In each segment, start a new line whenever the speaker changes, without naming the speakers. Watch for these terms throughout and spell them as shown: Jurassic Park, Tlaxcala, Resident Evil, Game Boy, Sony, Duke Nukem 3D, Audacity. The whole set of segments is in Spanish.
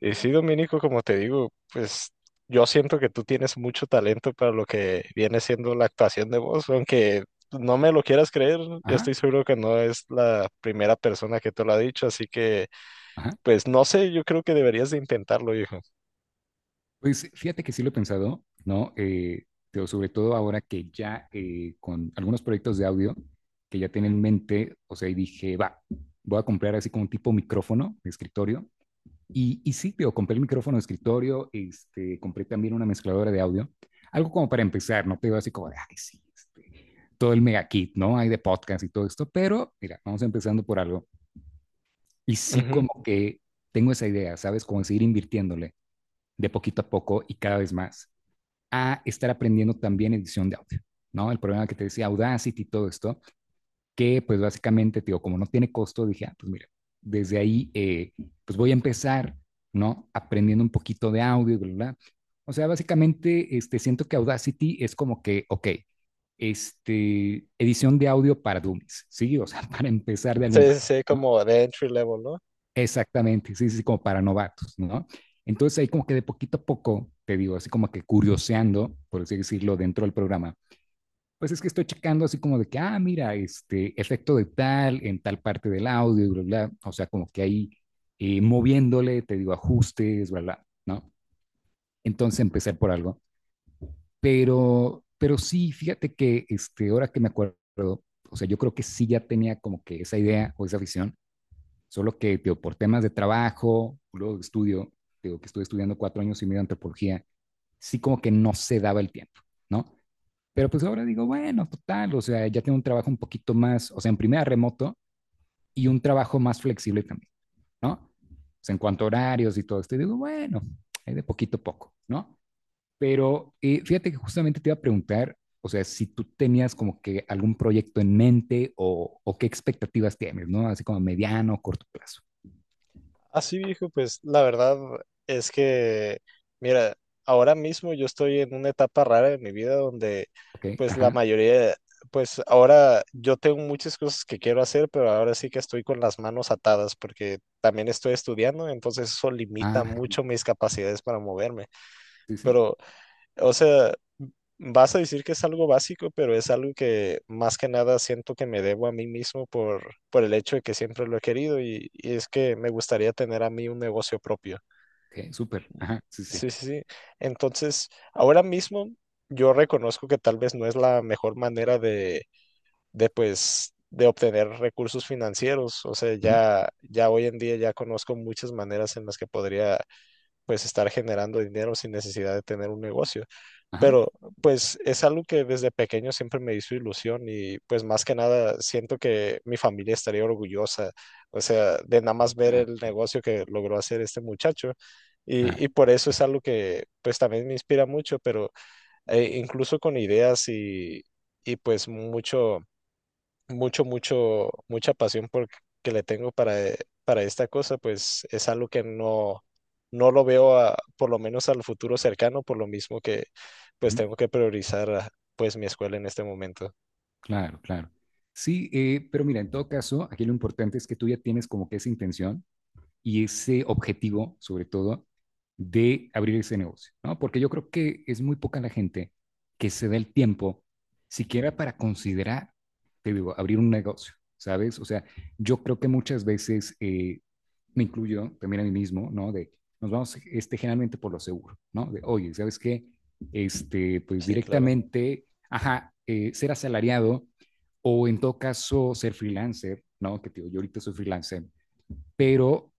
Y sí, Dominico, como te digo, pues yo siento que tú tienes mucho talento para lo que viene siendo la actuación de voz, aunque no me lo quieras creer, yo
Ajá,
estoy seguro que no es la primera persona que te lo ha dicho, así que
ajá.
pues no sé, yo creo que deberías de intentarlo, hijo.
Pues fíjate que sí lo he pensado, ¿no? Pero sobre todo ahora que ya con algunos proyectos de audio que ya tienen en mente, o sea, y dije, va, voy a comprar así como un tipo micrófono de escritorio. Y sí, tío, compré el micrófono de escritorio, este, compré también una mezcladora de audio, algo como para empezar, no te digo así como de, ay, sí, este, todo el mega kit, ¿no? Hay de podcast y todo esto, pero mira, vamos empezando por algo. Y sí,
Ujú.
como que tengo esa idea, ¿sabes? Como seguir invirtiéndole de poquito a poco y cada vez más a estar aprendiendo también edición de audio, ¿no? El problema que te decía Audacity y todo esto, que pues básicamente, digo, como no tiene costo, dije, ah, pues mira, desde ahí, pues voy a empezar, ¿no? Aprendiendo un poquito de audio, ¿verdad? O sea, básicamente, este, siento que Audacity es como que, ok, este, edición de audio para dummies, ¿sí? O sea, para empezar de algún
Sí,
lado,
sí,
¿no?
como de entry level, ¿no?
Exactamente, sí, sí, sí, como para novatos, ¿no? Entonces ahí como que de poquito a poco, te digo, así como que curioseando, por así decirlo, dentro del programa, pues es que estoy checando así como de que, ah, mira, este efecto de tal en tal parte del audio, y bla, bla, o sea, como que ahí moviéndole, te digo, ajustes, bla, bla, ¿no? Entonces empecé por algo, pero sí, fíjate que este, ahora que me acuerdo, o sea, yo creo que sí ya tenía como que esa idea o esa visión. Solo que, digo, por temas de trabajo, luego de estudio, digo, que estuve estudiando 4 años y medio de antropología, sí como que no se daba el tiempo, ¿no? Pero pues ahora digo, bueno, total, o sea, ya tengo un trabajo un poquito más, o sea, en primera remoto y un trabajo más flexible también, ¿no? O sea, en cuanto a horarios y todo esto, y digo, bueno, hay de poquito a poco, ¿no? Pero fíjate que justamente te iba a preguntar, o sea, si tú tenías como que algún proyecto en mente o qué expectativas tienes, ¿no? Así como mediano o corto plazo.
Así viejo, pues la verdad es que, mira, ahora mismo yo estoy en una etapa rara de mi vida donde,
Ok,
pues la
ajá.
mayoría, pues ahora yo tengo muchas cosas que quiero hacer, pero ahora sí que estoy con las manos atadas porque también estoy estudiando, entonces eso limita
Ah,
mucho mis capacidades para moverme.
sí, sí.
Pero o sea, vas a decir que es algo básico, pero es algo que más que nada siento que me debo a mí mismo por el hecho de que siempre lo he querido y es que me gustaría tener a mí un negocio propio.
Ok, súper. Ajá, sí, sí.
Sí, sí, sí. Entonces, ahora mismo yo reconozco que tal vez no es la mejor manera de pues, de obtener recursos financieros. O sea,
Ujú,
ya, ya hoy en día ya conozco muchas maneras en las que podría, pues, estar generando dinero sin necesidad de tener un negocio.
ajá.
Pero pues es algo que desde pequeño siempre me hizo ilusión y pues más que nada siento que mi familia estaría orgullosa, o sea, de nada más ver el
Ah,
negocio que logró hacer este muchacho. Y,
claro,
y por eso es algo que pues también me inspira mucho, pero incluso con ideas y pues mucha pasión por, que le tengo para esta cosa, pues es algo que no, no lo veo por lo menos al futuro cercano, por lo mismo que pues
ujú.
tengo que priorizar pues mi escuela en este momento.
Claro, claro. Sí, pero mira, en todo caso, aquí lo importante es que tú ya tienes como que esa intención y ese objetivo, sobre todo, de abrir ese negocio, ¿no? Porque yo creo que es muy poca la gente que se da el tiempo siquiera para considerar, te digo, abrir un negocio, ¿sabes? O sea, yo creo que muchas veces, me incluyo también a mí mismo, ¿no? De nos vamos este, generalmente por lo seguro, ¿no? De, oye, ¿sabes qué? Este, pues
Sí, claro.
directamente, ajá, ser asalariado o en todo caso ser freelancer, ¿no? Que te digo, yo ahorita soy freelancer, pero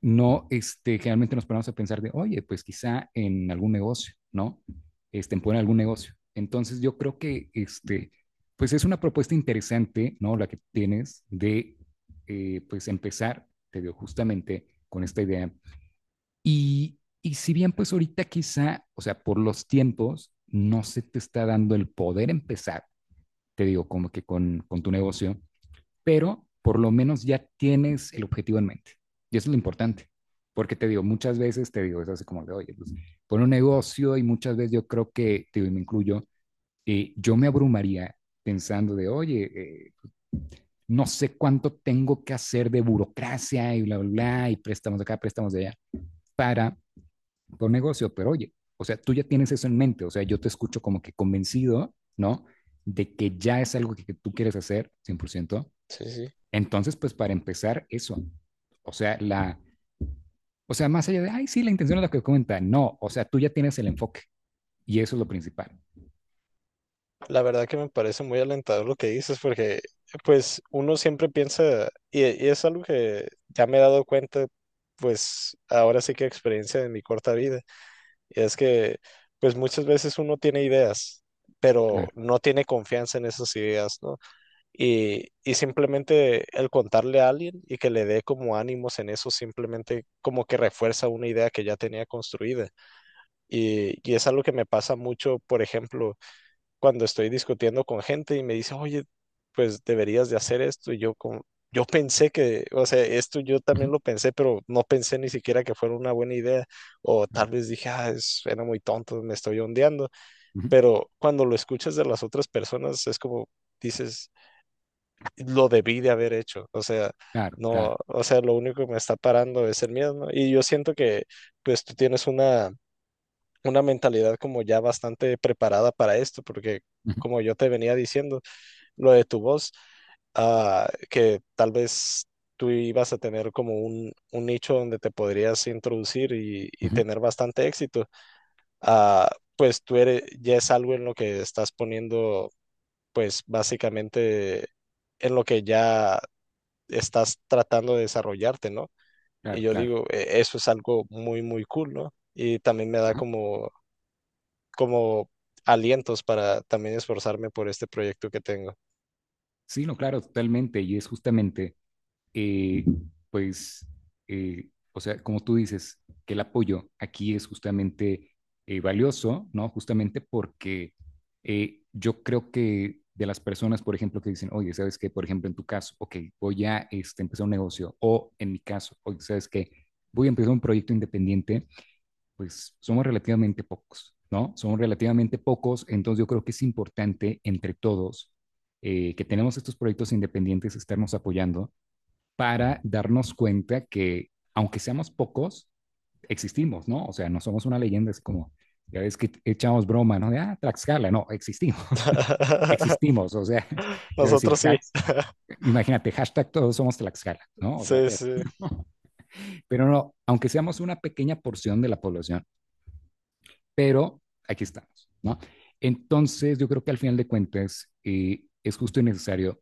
no, este, generalmente nos ponemos a pensar de, oye, pues quizá en algún negocio, ¿no? Este, en poner algún negocio. Entonces yo creo que, este, pues es una propuesta interesante, ¿no? La que tienes de, pues empezar, te digo justamente con esta idea. Y si bien, pues ahorita quizá, o sea, por los tiempos, no se te está dando el poder empezar, te digo, como que con tu negocio, pero por lo menos ya tienes el objetivo en mente. Y eso es lo importante, porque te digo, muchas veces te digo, es así como de, oye, pues pon un negocio y muchas veces yo creo que, te digo, y me incluyo, yo me abrumaría pensando de, oye, no sé cuánto tengo que hacer de burocracia y bla, bla, bla, y préstamos de acá, préstamos de allá, para un negocio, pero oye, o sea, tú ya tienes eso en mente, o sea, yo te escucho como que convencido, ¿no? De que ya es algo que tú quieres hacer 100%.
Sí, sí.
Entonces, pues para empezar, eso. O sea, la, o sea, más allá de, ay, sí, la intención es la que comenta. No, o sea, tú ya tienes el enfoque y eso es lo principal.
La verdad que me parece muy alentador lo que dices, porque pues uno siempre piensa, y es algo que ya me he dado cuenta, pues ahora sí que experiencia de mi corta vida. Y es que, pues muchas veces uno tiene ideas, pero
Claro,
no tiene confianza en esas ideas, ¿no? Y simplemente el contarle a alguien y que le dé como ánimos en eso, simplemente como que refuerza una idea que ya tenía construida. Y es algo que me pasa mucho, por ejemplo, cuando estoy discutiendo con gente y me dice, oye, pues deberías de hacer esto. Y yo como, yo pensé que, o sea, esto yo
ujú,
también lo pensé, pero no pensé ni siquiera que fuera una buena idea. O
claro,
tal vez dije, ah, es, era muy tonto, me estoy ondeando.
ujú,
Pero cuando lo escuchas de las otras personas, es como dices, lo debí de haber hecho. O sea,
claro, claro,
no, o sea, lo único que me está parando es el miedo, ¿no? Y yo siento que, pues, tú tienes una mentalidad como ya bastante preparada para esto, porque
ujú,
como yo te venía diciendo, lo de tu voz, ah, que tal vez tú ibas a tener como un nicho donde te podrías introducir y
ujú,
tener bastante éxito, ah, pues tú eres, ya es algo en lo que estás poniendo, pues básicamente en lo que ya estás tratando de desarrollarte, ¿no? Y
claro,
yo
claro.
digo, "E- eso es algo muy, muy cool, ¿no? Y también me da
Ajá.
como, como alientos para también esforzarme por este proyecto que tengo.
Sí, no, claro, totalmente. Y es justamente eh, pues, o sea, como tú dices, que el apoyo aquí es justamente valioso, ¿no? Justamente porque yo creo que de las personas, por ejemplo, que dicen, oye, ¿sabes qué? Por ejemplo, en tu caso, ok, voy a este, empezar un negocio, o en mi caso, oye, ¿sabes qué? Voy a empezar un proyecto independiente, pues somos relativamente pocos, ¿no? Son relativamente pocos, entonces yo creo que es importante entre todos que tenemos estos proyectos independientes, estarnos apoyando, para darnos cuenta que, aunque seamos pocos, existimos, ¿no? O sea, no somos una leyenda, es como, ya ves que echamos broma, ¿no? De, ah, Tlaxcala, no, existimos, existimos, o sea, yo decir,
Nosotros sí.
imagínate, hashtag todos somos Tlaxcala, ¿no? O sea,
Sí,
pero,
sí.
pero no, aunque seamos una pequeña porción de la población, pero aquí estamos, ¿no? Entonces, yo creo que al final de cuentas es justo y necesario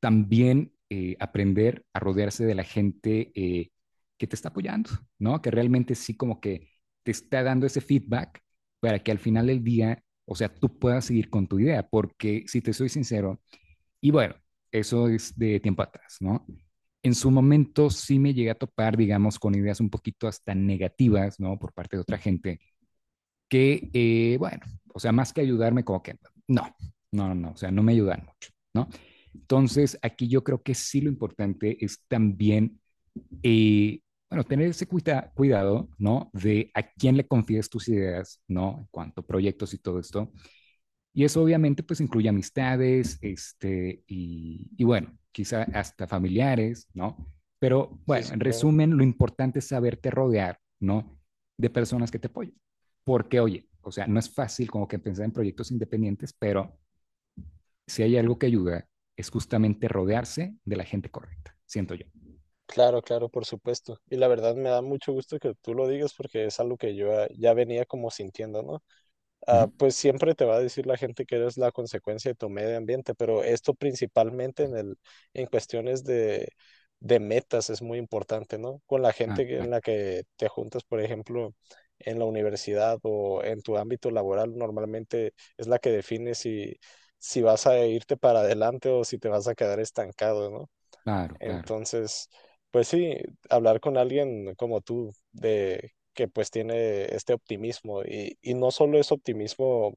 también aprender a rodearse de la gente que te está apoyando, ¿no? Que realmente sí como que te está dando ese feedback para que al final del día, o sea, tú puedas seguir con tu idea, porque si te soy sincero, y bueno, eso es de tiempo atrás, ¿no? En su momento sí me llegué a topar, digamos, con ideas un poquito hasta negativas, ¿no? Por parte de otra gente, que, bueno, o sea, más que ayudarme, como que, no, no, no, o sea, no me ayudan mucho, ¿no? Entonces, aquí yo creo que sí lo importante es también, eh, bueno, tener ese cuidado, ¿no? De a quién le confías tus ideas, ¿no? En cuanto a proyectos y todo esto. Y eso obviamente pues incluye amistades, este, y bueno, quizá hasta familiares, ¿no? Pero
Sí,
bueno,
sí,
en
claro.
resumen, lo importante es saberte rodear, ¿no? De personas que te apoyen. Porque, oye, o sea, no es fácil como que pensar en proyectos independientes, pero si hay algo que ayuda, es justamente rodearse de la gente correcta, siento yo.
Claro, claro, por supuesto. Y la verdad me da mucho gusto que tú lo digas porque es algo que yo ya venía como sintiendo, ¿no?
Ujú.
Ah, pues siempre te va a decir la gente que eres la consecuencia de tu medio ambiente, pero esto principalmente en el, en cuestiones de metas es muy importante, ¿no? Con la
Ah,
gente en la que te juntas, por ejemplo, en la universidad o en tu ámbito laboral, normalmente es la que define si, si vas a irte para adelante o si te vas a quedar estancado, ¿no?
claro, claro,
Entonces, pues sí, hablar con alguien como tú, de que pues tiene este optimismo y no solo es optimismo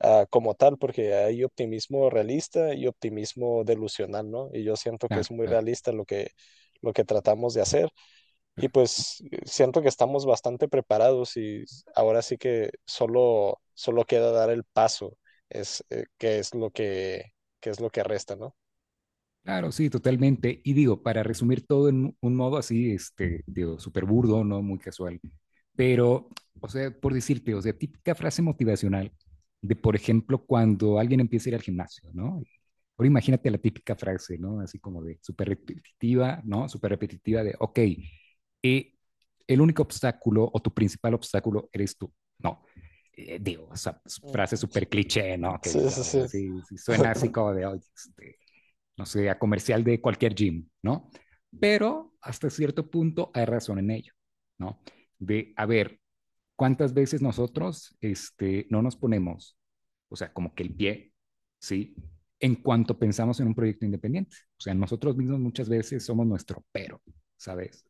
como tal, porque hay optimismo realista y optimismo delusional, ¿no? Y yo siento que es
claro,
muy
claro,
realista lo que tratamos de hacer y
claro.
pues siento que estamos bastante preparados y ahora sí que solo, solo queda dar el paso, es, que es lo que es lo que resta, ¿no?
Claro, sí, totalmente. Y digo, para resumir todo en un modo así, este, digo, súper burdo, ¿no? Muy casual. Pero, o sea, por decirte, o sea, típica frase motivacional de, por ejemplo, cuando alguien empieza a ir al gimnasio, ¿no? Ahora imagínate la típica frase, ¿no? Así como de súper repetitiva, ¿no? Súper repetitiva de, ok, eh, el único obstáculo o tu principal obstáculo eres tú, ¿no? Digo, o sea, s-
Mm.
frase súper cliché, ¿no? Que
Sí,
dices,
sí,
"Oye,
sí.
sí, sí, suena así" como de, oye, este, no sé, a comercial de cualquier gym, ¿no? Pero hasta cierto punto hay razón en ello, ¿no? De, a ver, ¿cuántas veces nosotros este, no nos ponemos, o sea, como que el pie, ¿sí? En cuanto pensamos en un proyecto independiente. O sea, nosotros mismos muchas veces somos nuestro pero, ¿sabes?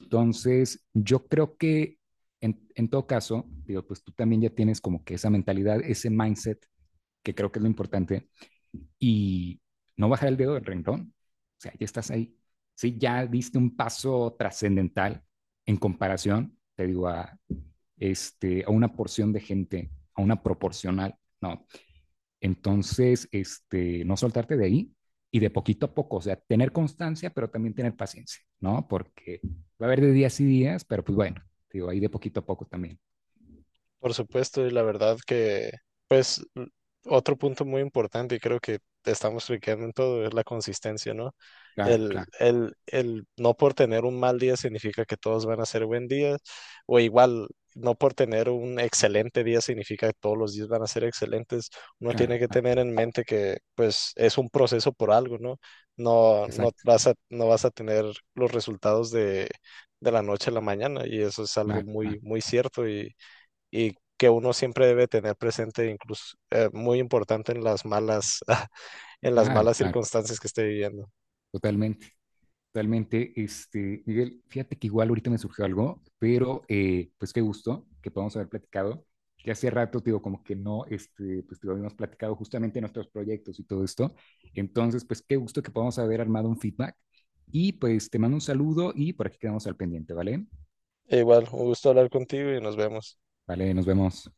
Entonces, yo creo que en, todo caso, digo, pues tú también ya tienes como que esa mentalidad, ese mindset, que creo que es lo importante, y no bajar el dedo del renglón. O sea, ya estás ahí. Sí, ya diste un paso trascendental en comparación, te digo, a, este, a una porción de gente, a una proporcional, ¿no? Entonces, este, no soltarte de ahí y de poquito a poco, o sea, tener constancia, pero también tener paciencia, ¿no? Porque va a haber de días y días, pero pues bueno, te digo, ahí de poquito a poco también.
Por supuesto, y la verdad que, pues, otro punto muy importante, y creo que estamos fliqueando en todo, es la consistencia, ¿no?
Claro,
El,
claro,
el, el no por tener un mal día significa que todos van a ser buen día, o igual, no por tener un excelente día significa que todos los días van a ser excelentes. Uno
claro,
tiene que
claro,
tener en mente que, pues, es un proceso por algo, ¿no? No, no
exacto,
vas a, no vas a tener los resultados de la noche a la mañana, y eso es algo
claro,
muy,
claro,
muy cierto, y que uno siempre debe tener presente, incluso muy importante en las malas, en las
claro,
malas
claro,
circunstancias que esté viviendo.
totalmente. Totalmente, este, Miguel, fíjate que igual ahorita me surgió algo, pero pues qué gusto que podamos haber platicado. Ya hace rato, te digo, como que no, este, pues te digo, habíamos platicado justamente nuestros proyectos y todo esto. Entonces, pues qué gusto que podamos haber armado un feedback. Y pues te mando un saludo y por aquí quedamos al pendiente, ¿vale?
E Igual, un gusto hablar contigo y nos vemos.
Vale, nos vemos.